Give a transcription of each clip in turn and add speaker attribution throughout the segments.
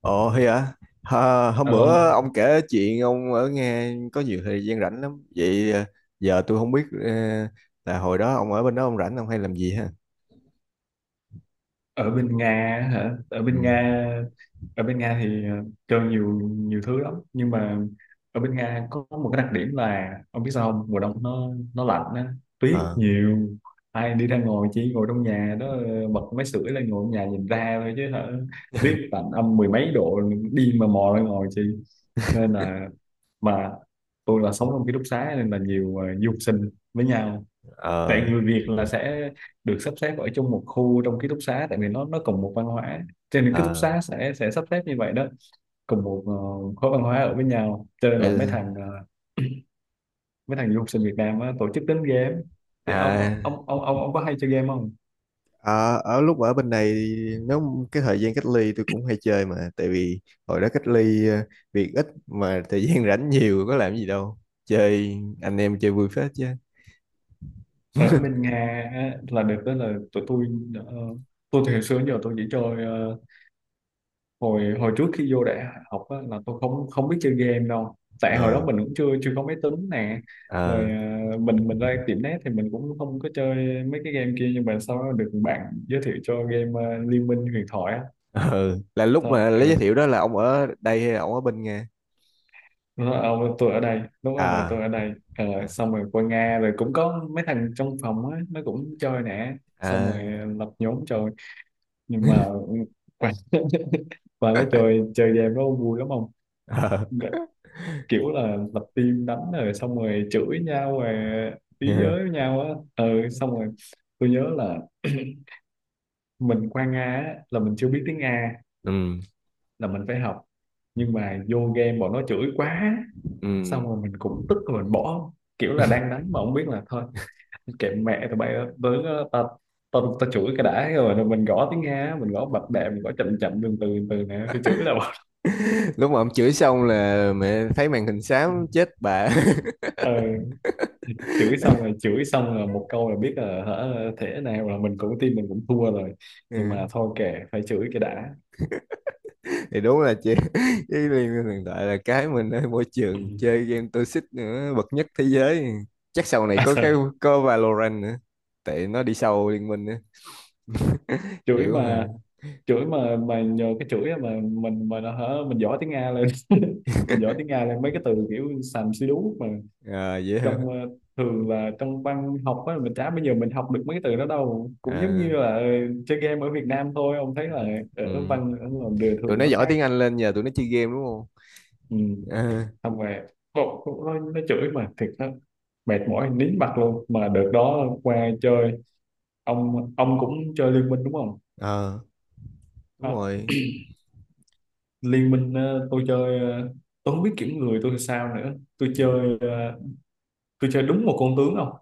Speaker 1: Ồ hay à? Hôm bữa
Speaker 2: Alo,
Speaker 1: ông kể chuyện ông ở nghe có nhiều thời gian rảnh lắm. Vậy giờ tôi không biết là hồi đó ông ở bên đó ông rảnh ông hay làm gì ha?
Speaker 2: ở bên Nga á hả? Ở
Speaker 1: Ừ.
Speaker 2: bên Nga, ở bên Nga thì chơi nhiều nhiều thứ lắm, nhưng mà ở bên Nga có một cái đặc điểm là ông biết sao không? Mùa đông nó lạnh á, tuyết
Speaker 1: Ờ.
Speaker 2: nhiều. Ai đi ra ngồi chỉ ngồi trong nhà đó bật máy sưởi lên ngồi trong nhà nhìn ra thôi chứ hả? Tuyết lạnh âm mười mấy độ đi mà mò ra ngồi chị. Nên là mà tôi là sống trong ký túc xá nên là nhiều du học sinh với nhau, tại
Speaker 1: Ờ.
Speaker 2: người Việt là sẽ được sắp xếp ở trong một khu trong ký túc xá tại vì nó cùng một văn hóa, cho nên ký túc
Speaker 1: Ờ.
Speaker 2: xá sẽ sắp xếp như vậy đó, cùng một khối văn hóa ở với nhau. Cho nên
Speaker 1: Vậy
Speaker 2: là mấy
Speaker 1: là-
Speaker 2: thằng ờ, mấy thằng du học sinh Việt Nam á, tổ chức đánh game. Thì ông
Speaker 1: À.
Speaker 2: ông ông ông ông có hay chơi game không?
Speaker 1: À, ở lúc ở bên này nếu cái thời gian cách ly tôi cũng hay chơi mà tại vì hồi đó cách ly việc ít mà thời gian rảnh nhiều có làm gì đâu chơi anh em chơi vui phết chứ
Speaker 2: Ở bên Nga á, là được đó, là tụi tôi ờ, tôi thì hồi xưa đến giờ tôi chỉ chơi hồi hồi trước khi vô đại học á, là tôi không không biết chơi game đâu, tại hồi đó
Speaker 1: ờ
Speaker 2: mình cũng chưa chưa có máy tính nè, rồi
Speaker 1: ờ.
Speaker 2: à, mình ra tiệm net thì mình cũng không có chơi mấy cái game kia, nhưng mà sau đó được bạn giới thiệu cho game à, Liên Minh Huyền Thoại á.
Speaker 1: Ừ, là lúc mà lấy giới
Speaker 2: Ừ.
Speaker 1: thiệu đó là ông ở đây hay là ông ở bên Nga?
Speaker 2: Nó nói, "Ông, tôi ở đây đúng rồi, là
Speaker 1: À,
Speaker 2: tôi ở đây." Ờ,
Speaker 1: dạ.
Speaker 2: xong rồi qua Nga rồi cũng có mấy thằng trong phòng á nó cũng chơi nè, xong rồi
Speaker 1: À,
Speaker 2: lập nhóm chơi. Nhưng mà và và nó chơi chơi game nó vui lắm không,
Speaker 1: ờ.
Speaker 2: kiểu là lập team đánh rồi xong rồi chửi nhau rồi ý giới với nhau á. Ừ, xong rồi tôi nhớ là mình qua Nga á, là mình chưa biết tiếng Nga,
Speaker 1: Ừ.
Speaker 2: là mình phải học, nhưng mà vô game bọn nó chửi quá, xong
Speaker 1: Ừ,
Speaker 2: rồi mình cũng tức rồi mình bỏ, kiểu là đang đánh mà không biết là thôi, kệ mẹ tụi bay đó, tới đó, ta ta ta chửi cái đã, rồi mình gõ tiếng Nga, mình gõ bập bẹ, mình gõ chậm chậm từ từ từ nè, tôi chửi là bỏ.
Speaker 1: lúc mà ông chửi xong là mẹ thấy màn hình xám chết bà.
Speaker 2: Ừ, chửi xong rồi một câu là biết là hả thế nào, là mình cũng tin mình cũng thua rồi, nhưng
Speaker 1: Ừ.
Speaker 2: mà thôi kệ, phải chửi cái đã.
Speaker 1: Thì đúng là chị. Với liên minh hiện tại là cái mình ở môi
Speaker 2: Ừ.
Speaker 1: trường chơi game toxic nữa bậc nhất thế giới, chắc sau này có cái, có Valorant nữa, tại nó đi sau liên minh nữa.
Speaker 2: chửi
Speaker 1: Chữ
Speaker 2: mà
Speaker 1: hả?
Speaker 2: chửi mà mà nhờ cái chửi á, mà mình mà nó hả, mình giỏi tiếng Nga lên mình giỏi tiếng Nga lên, mấy cái từ kiểu sàm xí đú mà
Speaker 1: À, dễ
Speaker 2: trong
Speaker 1: hả?
Speaker 2: thường là trong văn học á mình chả, bây giờ mình học được mấy cái từ đó đâu, cũng giống như
Speaker 1: À,
Speaker 2: là chơi game ở Việt Nam thôi, ông thấy là ở
Speaker 1: ừ.
Speaker 2: văn ở ngoài đời
Speaker 1: Tụi
Speaker 2: thường
Speaker 1: nó
Speaker 2: nó
Speaker 1: giỏi
Speaker 2: khác.
Speaker 1: tiếng Anh lên nhờ tụi nó chơi game đúng không?
Speaker 2: Ừ.
Speaker 1: À,
Speaker 2: Không về cậu bộ nó, chửi mà thiệt đó, mệt mỏi nín mặt luôn mà đợt đó qua chơi. Ông cũng chơi liên minh đúng không?
Speaker 1: ờ, đúng
Speaker 2: À,
Speaker 1: rồi.
Speaker 2: liên minh tôi chơi tôi không biết kiểm người tôi sao nữa, tôi
Speaker 1: Ừ.
Speaker 2: chơi tôi chơi đúng một con tướng không,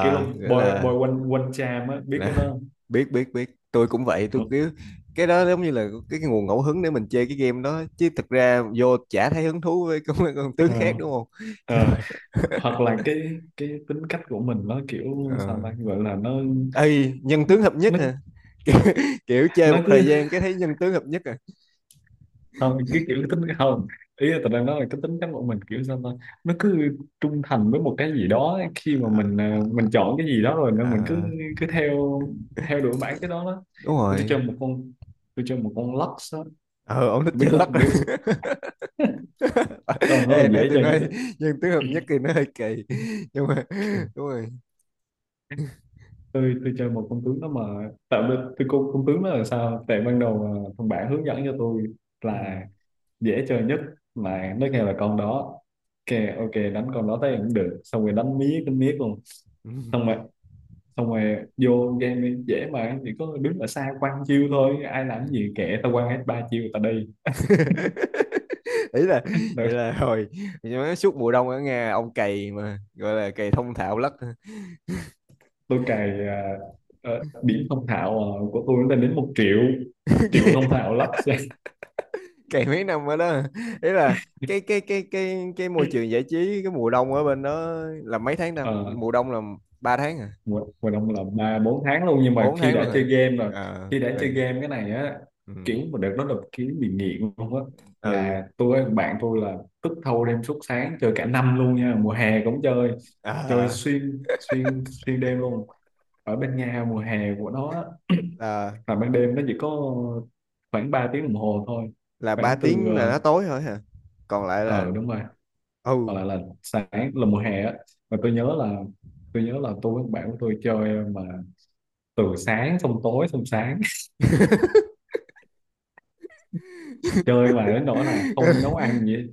Speaker 2: kiểu là
Speaker 1: nghĩa
Speaker 2: bồi
Speaker 1: là
Speaker 2: bồi quanh quanh chàm á, biết cái đó
Speaker 1: là
Speaker 2: không?
Speaker 1: biết biết biết, tôi cũng vậy, tôi
Speaker 2: Ờ,
Speaker 1: cứ cái đó giống như là cái nguồn ngẫu hứng để mình chơi cái game đó chứ thực ra vô chả thấy hứng thú với con tướng
Speaker 2: ờ,
Speaker 1: khác đúng không? Kiểu
Speaker 2: ờ. Hoặc là cái tính cách của mình nó kiểu sao
Speaker 1: ờ,
Speaker 2: ta, gọi là nó
Speaker 1: ê nhân tướng hợp nhất
Speaker 2: nó
Speaker 1: hả? Kiểu, kiểu chơi
Speaker 2: nó
Speaker 1: một thời
Speaker 2: cứ,
Speaker 1: gian cái thấy nhân tướng hợp nhất à?
Speaker 2: không cái kiểu cái tính, không, ý là tao đang nói là cái tính cán bộ mình kiểu sao ta, nó cứ trung thành với một cái gì đó, khi mà mình à,
Speaker 1: Ờ,
Speaker 2: mình chọn cái gì đó rồi nên mình cứ
Speaker 1: ờ,
Speaker 2: cứ theo theo đuổi bản cái đó đó.
Speaker 1: đúng
Speaker 2: tôi
Speaker 1: rồi.
Speaker 2: chơi một con tôi chơi một con Lux á,
Speaker 1: Ờ, ông thích chơi
Speaker 2: biết
Speaker 1: lắc
Speaker 2: không
Speaker 1: à.
Speaker 2: biết, con nó
Speaker 1: Ê,
Speaker 2: là
Speaker 1: nãy
Speaker 2: dễ
Speaker 1: tôi
Speaker 2: chơi nhất
Speaker 1: nói
Speaker 2: á.
Speaker 1: nhân tướng hợp nhất thì nó hơi kỳ nhưng mà đúng rồi.
Speaker 2: Tôi chơi một con tướng đó mà, tạo vì tôi con tướng đó là sao, tại ban đầu à, thằng bạn hướng dẫn cho tôi
Speaker 1: Ừ.
Speaker 2: là dễ chơi nhất,
Speaker 1: Ừ.
Speaker 2: mà nó kêu là con đó, kêu ok đánh con đó thấy cũng được, xong rồi đánh miết luôn,
Speaker 1: Ừ.
Speaker 2: xong rồi xong rồi vô game đi, dễ mà, chỉ có đứng ở xa quăng chiêu thôi, ai làm cái
Speaker 1: À.
Speaker 2: gì kệ, tao quăng hết ba chiêu tao đi.
Speaker 1: Ý là
Speaker 2: tôi,
Speaker 1: vậy là hồi nói suốt mùa đông ở Nga ông cày mà gọi là cày thông thạo lất,
Speaker 2: tôi cày à, ờ, điểm thông thạo à, của tôi lên đến 1 triệu, 1 triệu thông thạo lắc.
Speaker 1: cày mấy năm ở đó. Ý là cái cái môi trường giải trí cái mùa đông ở bên đó là mấy tháng ta,
Speaker 2: Ờ,
Speaker 1: mùa đông là ba tháng hả?
Speaker 2: Mùa mùa đông là ba bốn tháng luôn, nhưng mà
Speaker 1: Bốn
Speaker 2: khi
Speaker 1: tháng
Speaker 2: đã
Speaker 1: luôn
Speaker 2: chơi
Speaker 1: hả?
Speaker 2: game rồi,
Speaker 1: Ờ,
Speaker 2: khi đã
Speaker 1: là
Speaker 2: chơi game cái này á,
Speaker 1: ừ,
Speaker 2: kiểu mà đợt đó là kiểu bị nghiện luôn á,
Speaker 1: ừ
Speaker 2: là tôi bạn tôi là tức thâu đêm suốt sáng chơi cả năm luôn nha, mùa hè cũng chơi, chơi
Speaker 1: à,
Speaker 2: xuyên xuyên xuyên đêm luôn. Ở bên Nga mùa hè của nó á,
Speaker 1: là
Speaker 2: là ban đêm nó chỉ có khoảng 3 tiếng đồng hồ thôi,
Speaker 1: là ba
Speaker 2: khoảng từ
Speaker 1: tiếng là nó tối thôi hả? Còn lại là
Speaker 2: ờ, đúng rồi,
Speaker 1: ừ.
Speaker 2: hoặc là sáng, là mùa hè á. Mà tôi nhớ là tôi với bạn của tôi chơi mà từ sáng xong tối xong sáng, chơi mà đến nỗi là không nấu ăn gì hết.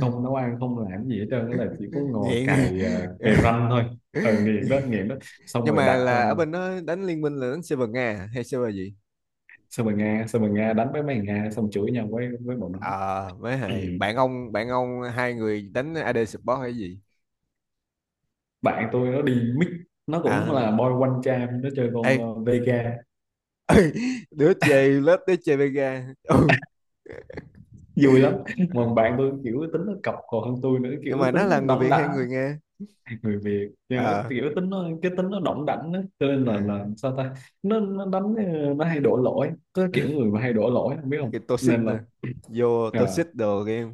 Speaker 2: Không nấu ăn không làm gì hết trơn đó, là chỉ có ngồi
Speaker 1: Nghiện.
Speaker 2: cày cày ranh thôi. Ờ, nghiện đó, nghiện đó. Xong
Speaker 1: Nhưng
Speaker 2: rồi
Speaker 1: mà
Speaker 2: đặt
Speaker 1: là ở bên đó đánh liên minh là đánh server Nga hay server gì?
Speaker 2: xong rồi Nga đánh với mấy thằng Nga, xong chửi nhau với bọn nó.
Speaker 1: Ờ, mới
Speaker 2: Ừ.
Speaker 1: hay bạn ông hai người đánh AD support hay gì?
Speaker 2: Bạn tôi nó đi mix, nó cũng là
Speaker 1: À,
Speaker 2: boy one charm, nó chơi
Speaker 1: ê.
Speaker 2: con Vega,
Speaker 1: Đứa chơi lớp, đứa chơi Vega. Ừ.
Speaker 2: vui lắm.
Speaker 1: Ừ.
Speaker 2: Mà bạn tôi kiểu tính nó cọc còn hơn tôi nữa, kiểu
Speaker 1: Nhưng mà nó
Speaker 2: tính nó
Speaker 1: là người
Speaker 2: đóng
Speaker 1: Việt hay
Speaker 2: đảnh,
Speaker 1: người Nga?
Speaker 2: người Việt nhớ
Speaker 1: Ờ,
Speaker 2: kiểu tính nó, cái tính nó đỏng đảnh á, cho nên
Speaker 1: ờ,
Speaker 2: là sao ta, nó đánh nó hay đổ lỗi, có kiểu người mà hay đổ lỗi không, biết không,
Speaker 1: cái toxic
Speaker 2: nên
Speaker 1: nè,
Speaker 2: là
Speaker 1: vô
Speaker 2: à,
Speaker 1: toxic đồ game.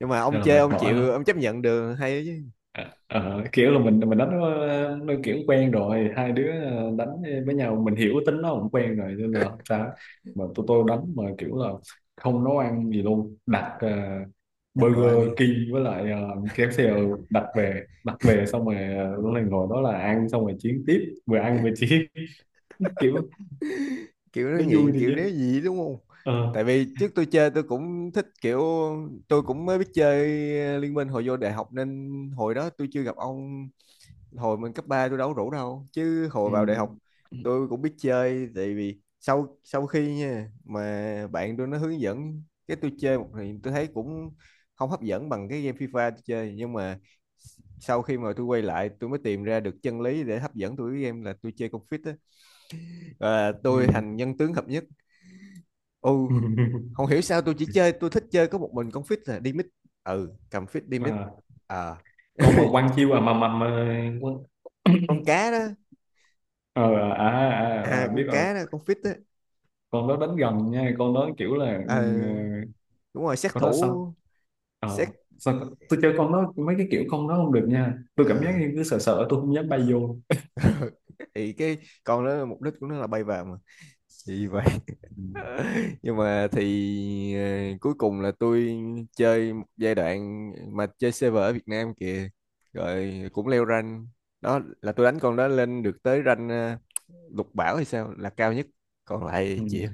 Speaker 1: Nhưng mà ông
Speaker 2: nên là
Speaker 1: chơi
Speaker 2: mệt
Speaker 1: ông
Speaker 2: mỏi
Speaker 1: chịu
Speaker 2: lắm.
Speaker 1: ông chấp nhận được hay chứ?
Speaker 2: À, kiểu là mình đánh nó kiểu quen rồi, hai đứa đánh với nhau mình hiểu tính nó cũng quen rồi nên là không sao. Mà tụi tôi đánh mà kiểu là không nấu ăn gì luôn, đặt
Speaker 1: Đặt đồ ăn
Speaker 2: Burger
Speaker 1: đi.
Speaker 2: King với lại KFC, ừ, đặt về xong rồi lúc này ngồi đó là ăn xong rồi chiến tiếp, vừa ăn vừa chiến. Kiểu
Speaker 1: Kiểu nó
Speaker 2: nó vui
Speaker 1: nghiện
Speaker 2: thì
Speaker 1: kiểu
Speaker 2: chứ.
Speaker 1: đéo gì đúng không?
Speaker 2: Ờ.
Speaker 1: Tại vì trước tôi chơi tôi cũng thích kiểu, tôi cũng mới biết chơi Liên Minh hồi vô đại học nên hồi đó tôi chưa gặp ông, hồi mình cấp 3 tôi đâu có rủ đâu chứ hồi vào đại học
Speaker 2: Ừ.
Speaker 1: tôi cũng biết chơi. Tại vì sau sau khi nha mà bạn tôi nó hướng dẫn cái tôi chơi một thì tôi thấy cũng không hấp dẫn bằng cái game FIFA tôi chơi, nhưng mà sau khi mà tôi quay lại tôi mới tìm ra được chân lý để hấp dẫn tôi cái game là tôi chơi Confit á, và tôi
Speaker 2: Ừ.
Speaker 1: thành nhân tướng hợp nhất. Ừ, không hiểu sao tôi chỉ chơi, tôi thích chơi có một mình con fish là đi mít. Ừ, cầm fish đi mít.
Speaker 2: À,
Speaker 1: Ờ.
Speaker 2: con mà quăng chiêu à mà mà...
Speaker 1: Con cá đó.
Speaker 2: Ờ, à, à,
Speaker 1: À,
Speaker 2: à,
Speaker 1: con
Speaker 2: biết rồi.
Speaker 1: cá đó, con fish đó.
Speaker 2: Con đó đánh gần nha, con đó kiểu là ừ,
Speaker 1: Ờ,
Speaker 2: ờ,
Speaker 1: đúng rồi, sát
Speaker 2: con đó
Speaker 1: thủ.
Speaker 2: sao.
Speaker 1: Sát,
Speaker 2: Ờ, tôi chơi con đó mấy cái kiểu con đó không được nha, tôi cảm giác
Speaker 1: ờ.
Speaker 2: như cứ sợ sợ tôi không dám bay vô.
Speaker 1: Thì cái con đó mục đích của nó là bay vào mà. Gì vậy?
Speaker 2: Ừ.
Speaker 1: Nhưng mà thì cuối cùng là tôi chơi một giai đoạn mà chơi server ở Việt Nam kìa, rồi cũng leo rank. Đó là tôi đánh con đó lên được tới rank lục bảo hay sao là cao nhất, còn lại
Speaker 2: Ừ.
Speaker 1: chịu.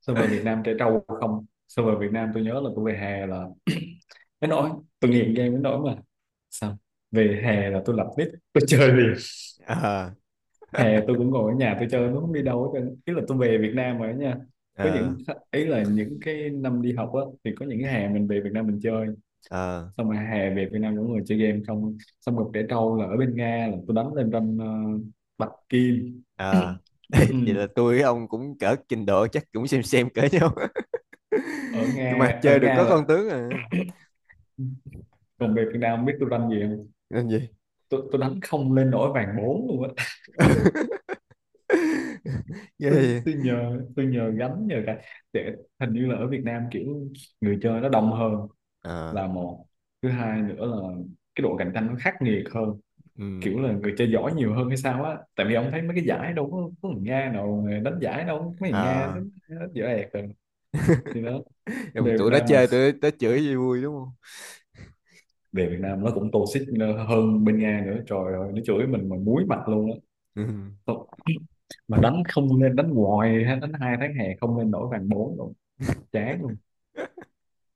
Speaker 2: Sao về Việt Nam trẻ trâu không, sao về Việt Nam tôi nhớ là tôi về hè là đến nỗi, tôi nghiện game đến nỗi mà, sao về hè là tôi lập nick tôi chơi liền,
Speaker 1: ờ
Speaker 2: hè tôi cũng ngồi ở nhà tôi chơi, nó không đi đâu hết trơn. Ý là tôi về Việt Nam rồi đó nha, có
Speaker 1: ờ
Speaker 2: những, ý là những cái năm đi học á thì có những cái hè mình về Việt Nam mình chơi,
Speaker 1: ờ
Speaker 2: xong rồi hè về Việt Nam những người chơi game không, xong rồi trẻ trâu là ở bên Nga là tôi đánh lên ranh Bạch Kim.
Speaker 1: ờ
Speaker 2: Ừ.
Speaker 1: Vậy là tôi với ông cũng cỡ trình độ chắc cũng xem cỡ nhau.
Speaker 2: Ở
Speaker 1: Nhưng mà
Speaker 2: Nga, ở
Speaker 1: chơi được
Speaker 2: Nga
Speaker 1: có
Speaker 2: là
Speaker 1: con tướng à.
Speaker 2: còn về Việt Nam biết tôi đánh gì không?
Speaker 1: Làm gì?
Speaker 2: Tôi đánh không lên nổi vàng bốn luôn á.
Speaker 1: Ghê
Speaker 2: tôi
Speaker 1: vậy?
Speaker 2: tôi nhờ tôi nhờ gánh, nhờ cả. Để hình như là ở Việt Nam kiểu người chơi nó đông hơn
Speaker 1: Ờ,
Speaker 2: là một. Thứ hai nữa là cái độ cạnh tranh nó khắc nghiệt hơn,
Speaker 1: ừ,
Speaker 2: kiểu là người chơi giỏi nhiều hơn hay sao á, tại vì ông thấy mấy cái giải đâu có người Nga nào đánh giải đâu, mấy người Nga
Speaker 1: ờ.
Speaker 2: nó dở ẹt rồi. Thì đó,
Speaker 1: Rồi
Speaker 2: về Việt
Speaker 1: tụi nó
Speaker 2: Nam là
Speaker 1: chơi tụi nó chửi gì vui đúng không?
Speaker 2: về Việt Nam nó cũng toxic hơn bên Nga nữa, trời ơi, nó chửi mình mà muối mặt luôn á.
Speaker 1: Ừ.
Speaker 2: Thôi, mà đánh không nên, đánh hoài ha, đánh hai tháng hè không nên nổi vàng bốn luôn, chán luôn.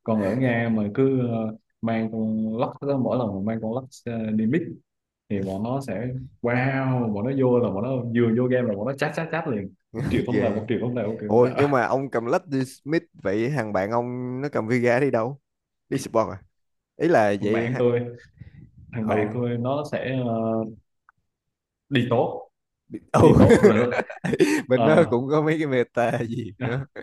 Speaker 2: Còn ở Nga mà cứ mang con lắc đó, mỗi lần mà mang con lắc đi mix thì bọn nó sẽ, wow, bọn nó vô là bọn nó vừa vô game là bọn nó chát chát chát liền, một triệu phong
Speaker 1: Ghê
Speaker 2: vào, một
Speaker 1: vậy.
Speaker 2: triệu phong vào, một triệu phong
Speaker 1: Ôi nhưng
Speaker 2: vào.
Speaker 1: mà ông cầm lách đi Smith vậy thằng bạn ông nó cầm Vega đi đâu? Đi support à? Ý là
Speaker 2: thằng
Speaker 1: vậy
Speaker 2: bạn
Speaker 1: ha.
Speaker 2: tôi thằng bạn
Speaker 1: Ừ.
Speaker 2: tôi nó sẽ đi tốt,
Speaker 1: Ừ.
Speaker 2: đi tốt rồi.
Speaker 1: Mình nó
Speaker 2: ờ,
Speaker 1: cũng có mấy cái meta gì nữa.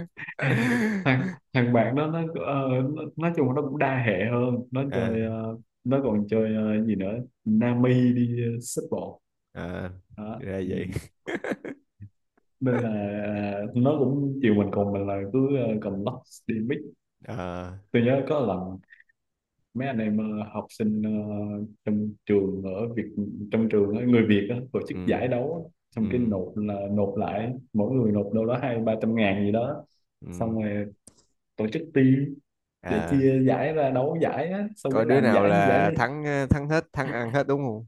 Speaker 2: thằng thằng bạn đó nó, ờ, nói chung là nó cũng đa hệ hơn, nó
Speaker 1: À,
Speaker 2: chơi nó còn chơi gì nữa, Nami đi xếp bộ
Speaker 1: à,
Speaker 2: đó.
Speaker 1: ra
Speaker 2: Ừ,
Speaker 1: vậy.
Speaker 2: nên là nó cũng chiều mình, cùng mình là cứ cầm lắc đi mix.
Speaker 1: À,
Speaker 2: Tôi nhớ có lần mấy anh em học sinh trong trường ở Việt, trong trường á, người Việt á, tổ chức
Speaker 1: ừ,
Speaker 2: giải đấu á. Xong cái
Speaker 1: ừ,
Speaker 2: nộp là nộp lại, mỗi người nộp đâu đó hai ba trăm ngàn gì đó.
Speaker 1: ừ.
Speaker 2: Xong rồi tổ chức team để
Speaker 1: À,
Speaker 2: chia giải ra đấu giải á, xong
Speaker 1: coi
Speaker 2: cái
Speaker 1: đứa
Speaker 2: làm
Speaker 1: nào
Speaker 2: giải như
Speaker 1: là thắng thắng hết thắng ăn hết đúng không?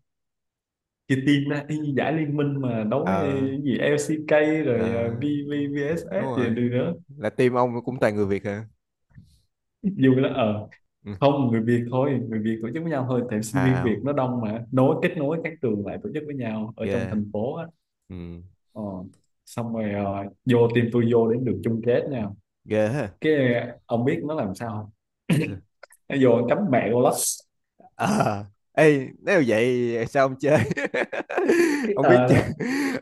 Speaker 2: chia team ra y như giải liên minh mà đấu với
Speaker 1: Ờ,
Speaker 2: cái gì LCK rồi V
Speaker 1: ờ,
Speaker 2: V VSS
Speaker 1: đúng
Speaker 2: gì
Speaker 1: rồi.
Speaker 2: đi nữa,
Speaker 1: Là team ông cũng toàn người Việt hả?
Speaker 2: vui lắm. Ờ
Speaker 1: Ừ.
Speaker 2: Không, người Việt thôi, người Việt tổ chức với nhau thôi, tại sinh
Speaker 1: À,
Speaker 2: viên Việt
Speaker 1: ào.
Speaker 2: nó đông mà, nối kết nối các trường lại tổ chức với nhau ở trong
Speaker 1: Ghê.
Speaker 2: thành phố á.
Speaker 1: Ừ,
Speaker 2: Ờ, xong rồi vô team, tôi vô đến đường chung kết nha.
Speaker 1: ghê ha.
Speaker 2: Cái ông biết nó làm sao không, nó vô nó cắm mẹ con Lux.
Speaker 1: À, ê, nếu vậy sao ông chơi?
Speaker 2: Cái
Speaker 1: Ông biết chơi,
Speaker 2: đó,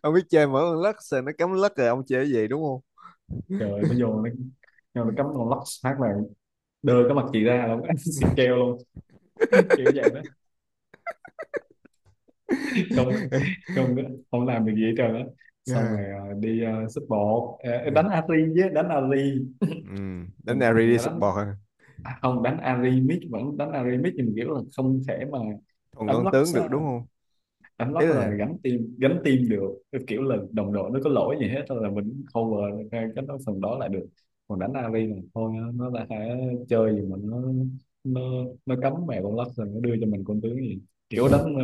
Speaker 1: ông biết chơi mở con lắc sao nó cắm lắc rồi ông chơi cái gì đúng không?
Speaker 2: trời ơi, nó vô nó, nó cắm con Lux phát là đưa cái mặt chị ra luôn anh, xịt keo luôn, kiểu vậy đó. Không, không, không làm được gì hết trơn á.
Speaker 1: Ờ,
Speaker 2: Xong rồi đi xúc bộ. Ờ,
Speaker 1: ừ,
Speaker 2: đánh Ari chứ, đánh Ari
Speaker 1: ừ. Đánh nào
Speaker 2: thì
Speaker 1: đi
Speaker 2: phải đánh.
Speaker 1: support à?
Speaker 2: À, không, đánh Ari mid, vẫn đánh Ari mid nhưng mà kiểu là không thể mà
Speaker 1: Còn
Speaker 2: đánh
Speaker 1: con tướng
Speaker 2: Lux
Speaker 1: được
Speaker 2: á.
Speaker 1: đúng không?
Speaker 2: Đánh lóc
Speaker 1: Ý là
Speaker 2: rồi gánh team, gánh team được. Cái kiểu là đồng đội nó có lỗi gì hết thôi là mình cover cái phần đó lại được. Còn đánh AV là thôi, nó là hả, chơi gì mà nó nó cấm mẹ con lắc rồi nó đưa cho mình con tướng gì kiểu, đánh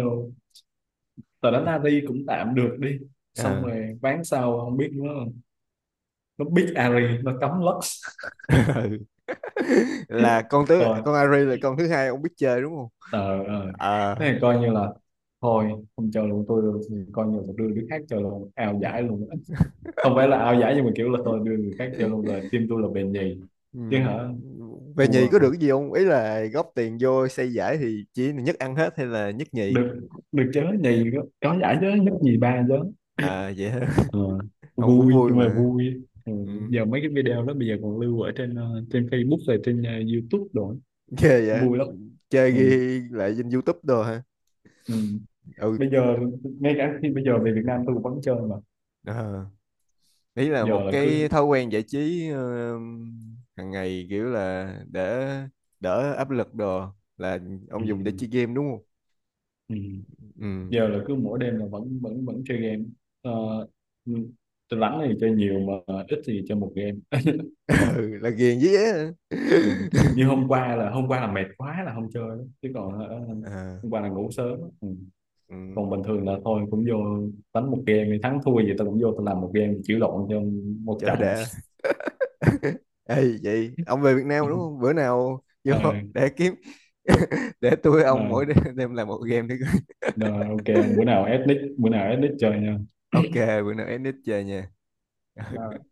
Speaker 2: đánh AV cũng tạm được đi. Xong
Speaker 1: ờ.
Speaker 2: rồi ván sau không biết, nó biết Ari nó cấm Lux
Speaker 1: Ừ. Là con tướng
Speaker 2: rồi.
Speaker 1: con Ari là con thứ hai ông biết chơi đúng không?
Speaker 2: Ờ,
Speaker 1: Ờ.
Speaker 2: thế thì coi như là thôi, không chơi luôn. Tôi coi như là tôi đưa đứa khác chơi luôn, ào giải luôn, không phải là ao giải nhưng mà kiểu là tôi đưa người khác vô luôn, rồi team tôi là bền nhì chứ
Speaker 1: Ừ.
Speaker 2: hả.
Speaker 1: Về
Speaker 2: Thua,
Speaker 1: nhì có được cái gì không? Ý là góp tiền vô xây giải thì chỉ nhất ăn hết hay là nhất nhì?
Speaker 2: được, được chớ, nhì có giải chớ, nhất nhì ba chớ.
Speaker 1: À vậy hả?
Speaker 2: Ờ,
Speaker 1: Ông cũng
Speaker 2: vui,
Speaker 1: vui
Speaker 2: nhưng mà
Speaker 1: mà.
Speaker 2: vui. Ừ,
Speaker 1: Ừ.
Speaker 2: giờ mấy cái video đó bây giờ còn lưu ở trên trên Facebook rồi trên YouTube đồ ấy.
Speaker 1: Ghê vậy.
Speaker 2: Vui lắm.
Speaker 1: Chơi
Speaker 2: Ừ.
Speaker 1: ghi lại trên YouTube đồ hả?
Speaker 2: Ừ.
Speaker 1: Ừ.
Speaker 2: Bây giờ ngay cả khi bây giờ về Việt Nam tôi cũng vẫn chơi mà.
Speaker 1: Ờ. Ý là
Speaker 2: Giờ
Speaker 1: một
Speaker 2: là cứ,
Speaker 1: cái thói quen giải trí hàng ngày kiểu là để đỡ áp lực đồ là
Speaker 2: ừ.
Speaker 1: ông dùng để chơi game đúng không?
Speaker 2: Ừ.
Speaker 1: Ừ.
Speaker 2: Giờ là cứ mỗi đêm là vẫn vẫn vẫn chơi game. Ờ, ừ. Tôi rảnh thì chơi nhiều mà, ít thì chơi một game.
Speaker 1: Ừ, là ghiền với á.
Speaker 2: Ừ. Như hôm qua là, hôm qua là mệt quá là không chơi đó, chứ còn hả,
Speaker 1: À,
Speaker 2: hôm qua là ngủ sớm đó. Ừ.
Speaker 1: ừ.
Speaker 2: Còn bình thường là thôi cũng vô đánh một game, thì thắng thua gì tao cũng vô tao làm một game chịu lộn cho một
Speaker 1: Cho
Speaker 2: trận.
Speaker 1: đã. Ê vậy ông về Việt Nam đúng không? Bữa nào vô
Speaker 2: ờ
Speaker 1: để kiếm để tôi ông
Speaker 2: mà,
Speaker 1: mỗi đêm làm một game đi.
Speaker 2: mà ok, bữa
Speaker 1: Coi.
Speaker 2: nào ethnic, bữa nào ethnic chơi
Speaker 1: Ok, bữa nào edit chơi nha.
Speaker 2: nha.